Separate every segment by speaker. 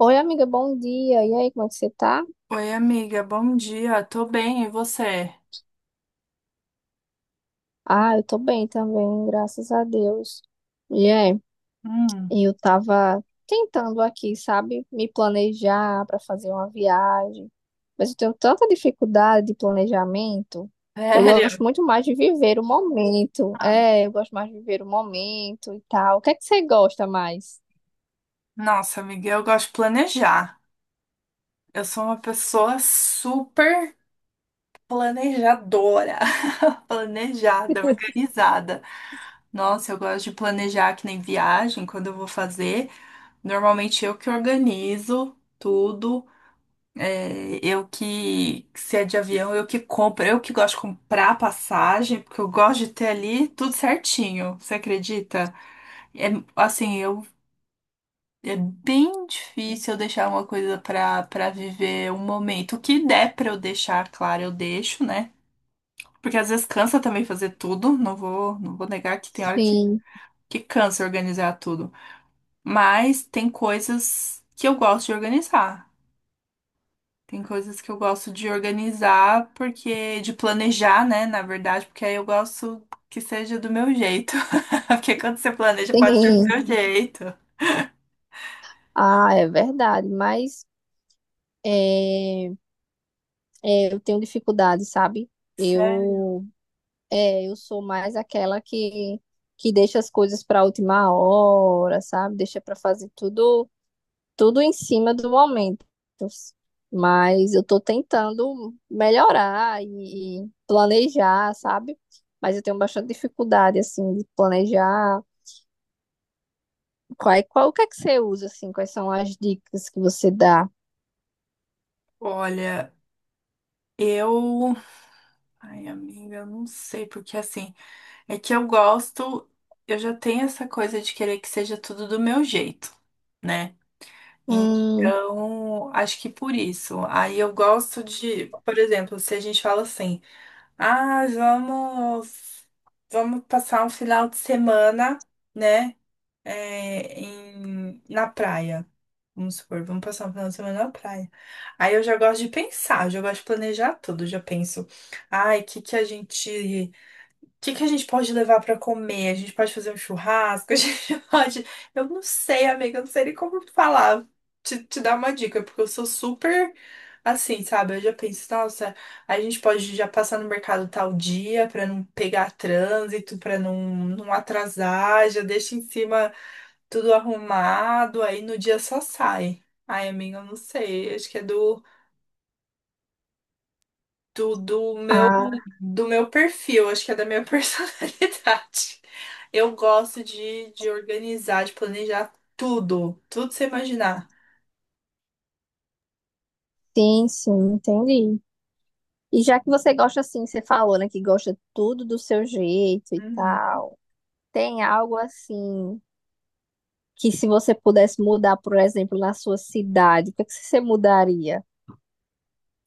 Speaker 1: Oi, amiga, bom dia. E aí, como é que você tá?
Speaker 2: Oi, amiga, bom dia. Tô bem, e você?
Speaker 1: Ah, eu tô bem também, graças a Deus. E é,
Speaker 2: Hum.
Speaker 1: eu tava tentando aqui, sabe, me planejar para fazer uma viagem, mas eu tenho tanta dificuldade de planejamento. Eu gosto
Speaker 2: Sério?
Speaker 1: muito mais de viver o momento.
Speaker 2: Ah,
Speaker 1: É, eu gosto mais de viver o momento e tal. O que é que você gosta mais?
Speaker 2: Nossa, amiga, eu gosto de planejar. Eu sou uma pessoa super planejadora, planejada, organizada. Nossa, eu gosto de planejar que nem viagem, quando eu vou fazer. Normalmente eu que organizo tudo. É, eu que, se é de avião, eu que compro. Eu que gosto de comprar passagem, porque eu gosto de ter ali tudo certinho. Você acredita? É, assim, eu É bem difícil eu deixar uma coisa pra para viver um momento. O que der pra eu deixar, claro, eu deixo, né? Porque às vezes cansa também fazer tudo, não vou negar que tem hora
Speaker 1: Sim,
Speaker 2: que cansa organizar tudo. Mas tem coisas que eu gosto de organizar. Tem coisas que eu gosto de organizar porque de planejar, né, na verdade, porque aí eu gosto que seja do meu jeito. Porque quando você planeja, pode ser do
Speaker 1: sim.
Speaker 2: seu jeito.
Speaker 1: Ah, é verdade, mas é, eu tenho dificuldade, sabe?
Speaker 2: Sério.
Speaker 1: Eu eu sou mais aquela que deixa as coisas para a última hora, sabe? Deixa para fazer tudo, tudo em cima do momento. Mas eu estou tentando melhorar e planejar, sabe? Mas eu tenho bastante dificuldade, assim, de planejar. Qual, o que é que você usa, assim? Quais são as dicas que você dá?
Speaker 2: Olha, eu ai, amiga, eu não sei, porque assim, é que eu gosto, eu já tenho essa coisa de querer que seja tudo do meu jeito, né?
Speaker 1: Hum,
Speaker 2: Então, acho que por isso. Aí eu gosto de, por exemplo, se a gente fala assim, ah, vamos passar um final de semana, né? Na praia. Vamos supor, vamos passar um final de semana na praia. Aí eu já gosto de pensar, eu já gosto de planejar tudo, eu já penso. Ai, o que que a gente pode levar pra comer? A gente pode fazer um churrasco? A gente pode. Eu não sei, amiga, eu não sei nem como falar. Te dar uma dica, porque eu sou super assim, sabe? Eu já penso, nossa, a gente pode já passar no mercado tal dia pra não pegar trânsito, pra não, não atrasar, já deixa em cima tudo arrumado, aí no dia só sai. Ai, amiga, eu não sei. Acho que é do, do meu
Speaker 1: ah,
Speaker 2: do meu perfil, acho que é da minha personalidade. Eu gosto de organizar, de planejar tudo, tudo que você imaginar.
Speaker 1: sim, sim, entendi. E já que você gosta, assim, você falou, né, que gosta tudo do seu jeito e
Speaker 2: Uhum.
Speaker 1: tal. Tem algo assim que se você pudesse mudar, por exemplo, na sua cidade, o que é que você mudaria?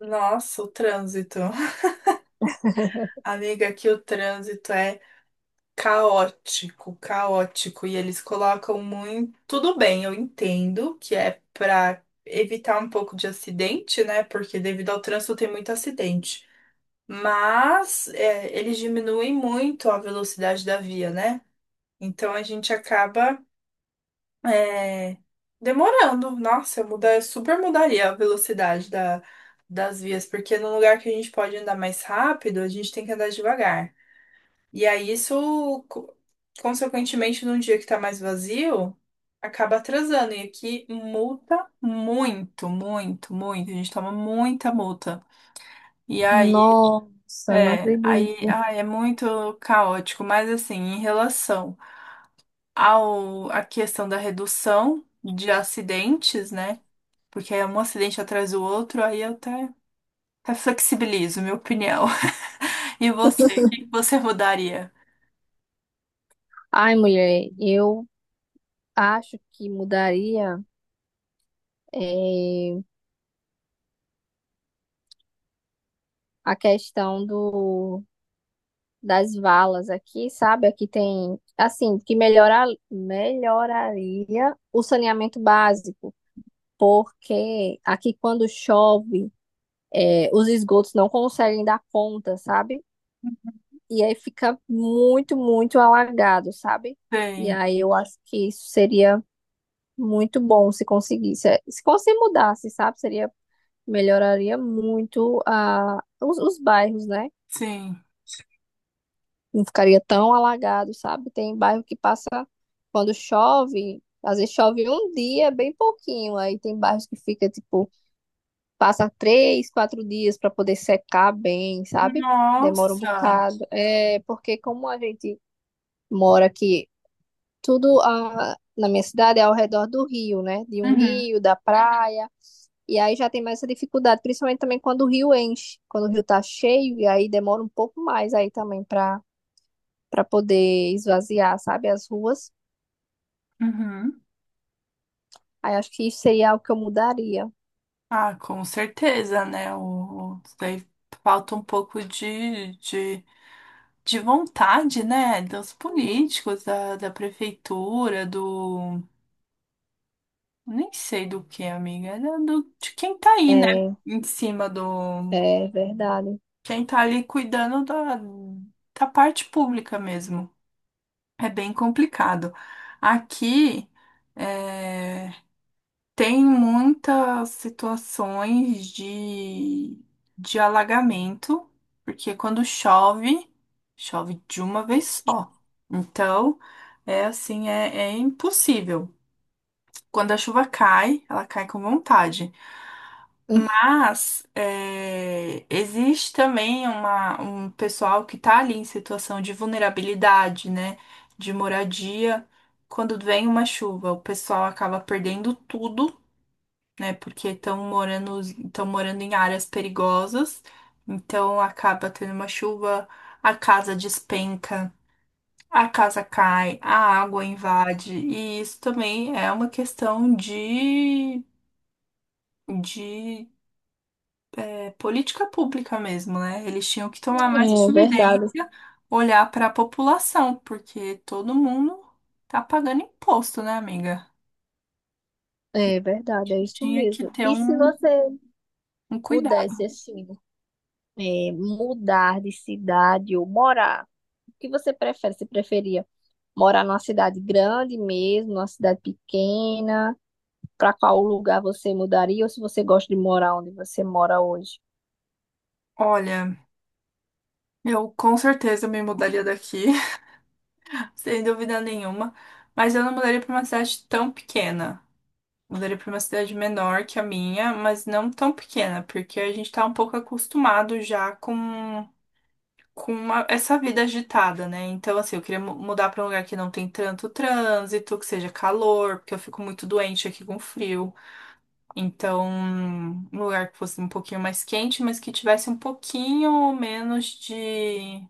Speaker 2: Nossa, o trânsito. Amiga, aqui o trânsito é caótico, caótico. E eles colocam muito. Tudo bem, eu entendo que é para evitar um pouco de acidente, né? Porque devido ao trânsito tem muito acidente. Mas é, eles diminuem muito a velocidade da via, né? Então a gente acaba é, demorando. Nossa, eu super mudaria a velocidade da, das vias, porque no lugar que a gente pode andar mais rápido, a gente tem que andar devagar. E aí isso, consequentemente, num dia que tá mais vazio, acaba atrasando. E aqui multa muito, muito, muito. A gente toma muita multa. E aí,
Speaker 1: Nossa, não acredito.
Speaker 2: é muito caótico, mas assim, em relação ao, a questão da redução de acidentes, né? Porque é um acidente atrás do outro, até flexibilizo, minha opinião. E você, o que que você mudaria?
Speaker 1: Ai, mulher, eu acho que mudaria eh, a questão do das valas aqui, sabe? Aqui tem, assim, que melhorar, melhoraria o saneamento básico, porque aqui quando chove, os esgotos não conseguem dar conta, sabe? E aí fica muito, muito alagado, sabe? E
Speaker 2: Sim,
Speaker 1: aí eu acho que isso seria muito bom se conseguisse. É, se conseguir mudasse, sabe? Seria, melhoraria muito os bairros, né?
Speaker 2: sim.
Speaker 1: Não ficaria tão alagado, sabe? Tem bairro que passa quando chove, às vezes chove um dia, bem pouquinho. Aí tem bairros que fica, tipo, passa três, quatro dias para poder secar bem, sabe? Demora um
Speaker 2: Nossa!
Speaker 1: bocado. É porque como a gente mora aqui tudo a, na minha cidade é ao redor do rio, né? De um
Speaker 2: Uhum,
Speaker 1: rio, da praia. E aí já tem mais essa dificuldade, principalmente também quando o rio enche, quando o rio tá cheio, e aí demora um pouco mais aí também para poder esvaziar, sabe, as ruas.
Speaker 2: uhum.
Speaker 1: Aí acho que isso seria algo que eu mudaria.
Speaker 2: Ah, com certeza, né? Daí falta um pouco de vontade, né? Dos políticos, da, da prefeitura, do. Nem sei do que, amiga. Era do, de quem tá aí, né?
Speaker 1: É,
Speaker 2: Em cima do.
Speaker 1: é verdade.
Speaker 2: Quem tá ali cuidando da, da parte pública mesmo. É bem complicado. Aqui é, tem muitas situações de alagamento, porque quando chove, chove de uma vez só. Então, é, é impossível. Quando a chuva cai, ela cai com vontade. Mas é, existe também uma, um pessoal que está ali em situação de vulnerabilidade, né? De moradia. Quando vem uma chuva, o pessoal acaba perdendo tudo, né? Porque estão morando em áreas perigosas. Então acaba tendo uma chuva, a casa despenca, a casa cai, a água invade. E isso também é uma questão de política pública mesmo, né? Eles tinham que tomar mais
Speaker 1: É verdade.
Speaker 2: providência, olhar para a população, porque todo mundo tá pagando imposto, né, amiga?
Speaker 1: É verdade, é isso
Speaker 2: Tinha que
Speaker 1: mesmo.
Speaker 2: ter
Speaker 1: E se
Speaker 2: um,
Speaker 1: você
Speaker 2: um
Speaker 1: pudesse,
Speaker 2: cuidado.
Speaker 1: assim, mudar de cidade ou morar, o que você prefere? Você preferia morar numa cidade grande mesmo, numa cidade pequena? Para qual lugar você mudaria ou se você gosta de morar onde você mora hoje?
Speaker 2: Olha, eu com certeza me mudaria daqui, sem dúvida nenhuma, mas eu não mudaria para uma cidade tão pequena. Mudaria para uma cidade menor que a minha, mas não tão pequena, porque a gente tá um pouco acostumado já com essa vida agitada, né? Então, assim, eu queria mudar pra um lugar que não tem tanto trânsito, que seja calor, porque eu fico muito doente aqui com frio. Então, um lugar que fosse um pouquinho mais quente, mas que tivesse um pouquinho menos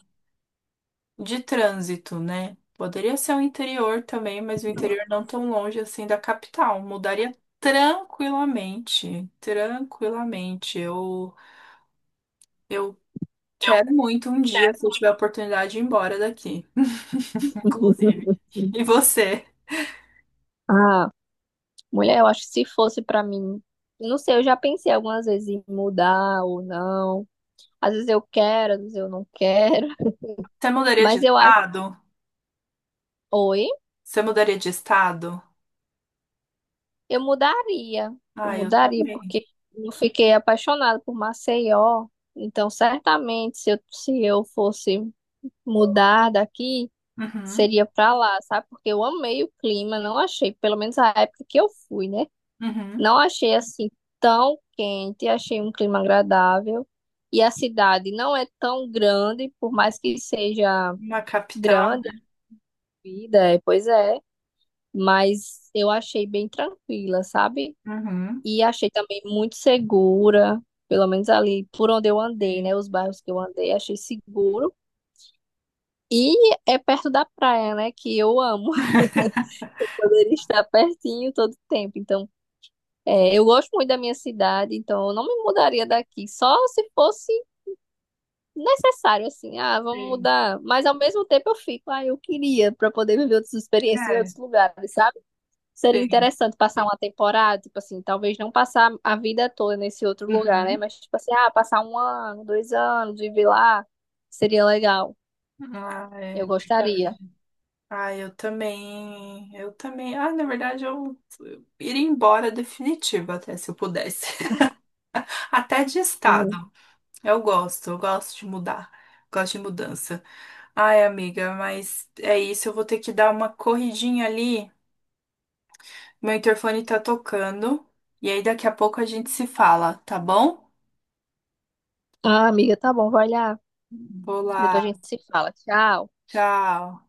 Speaker 2: de trânsito, né? Poderia ser o interior também, mas o interior não tão longe assim da capital. Mudaria tranquilamente, tranquilamente. Eu quero muito um dia, se eu tiver a oportunidade, ir embora daqui. Inclusive. E você?
Speaker 1: Ah, mulher, eu acho que se fosse para mim, não sei, eu já pensei algumas vezes em mudar ou não. Às vezes eu quero, às vezes eu não quero,
Speaker 2: Você mudaria de
Speaker 1: mas eu acho,
Speaker 2: estado?
Speaker 1: oi,
Speaker 2: Você mudaria de estado?
Speaker 1: eu mudaria. Eu
Speaker 2: Ah, eu
Speaker 1: mudaria
Speaker 2: também.
Speaker 1: porque eu fiquei apaixonada por Maceió, então certamente se eu fosse mudar daqui
Speaker 2: Uhum,
Speaker 1: seria pra lá, sabe? Porque eu amei o clima, não achei, pelo menos a época que eu fui, né?
Speaker 2: uhum.
Speaker 1: Não achei assim tão quente, achei um clima agradável. E a cidade não é tão grande, por mais que seja
Speaker 2: Uma capital?
Speaker 1: grande a vida, é, pois é, mas eu achei bem tranquila, sabe?
Speaker 2: Uhum.
Speaker 1: E achei também muito segura, pelo menos ali por onde eu andei,
Speaker 2: Sim,
Speaker 1: né? Os bairros que eu andei, achei seguro. E é perto da praia, né? Que eu amo. Eu poderia estar pertinho todo tempo. Então, eu gosto muito da minha cidade, então eu não me mudaria daqui. Só se fosse necessário, assim, ah, vamos
Speaker 2: sim.
Speaker 1: mudar. Mas ao mesmo tempo eu fico, ah, eu queria para poder viver outras experiências em
Speaker 2: É,
Speaker 1: outros lugares, sabe? Seria
Speaker 2: sim.
Speaker 1: interessante passar uma temporada, tipo assim, talvez não passar a vida toda nesse outro lugar, né?
Speaker 2: Uhum.
Speaker 1: Mas, tipo assim, ah, passar um ano, dois anos, viver lá, seria legal.
Speaker 2: Ah,
Speaker 1: Eu
Speaker 2: é
Speaker 1: gostaria.
Speaker 2: verdade. Ah, eu também. Eu também. Ah, na verdade, eu iria embora definitivo até se eu pudesse. Até de estado.
Speaker 1: Sim.
Speaker 2: Eu gosto de mudar. Gosto de mudança. Ai, amiga, mas é isso. Eu vou ter que dar uma corridinha ali. Meu interfone tá tocando. E aí daqui a pouco a gente se fala, tá bom?
Speaker 1: Ah, amiga, tá bom, vai lá.
Speaker 2: Vou
Speaker 1: Depois a
Speaker 2: lá.
Speaker 1: gente se fala. Tchau.
Speaker 2: Tchau.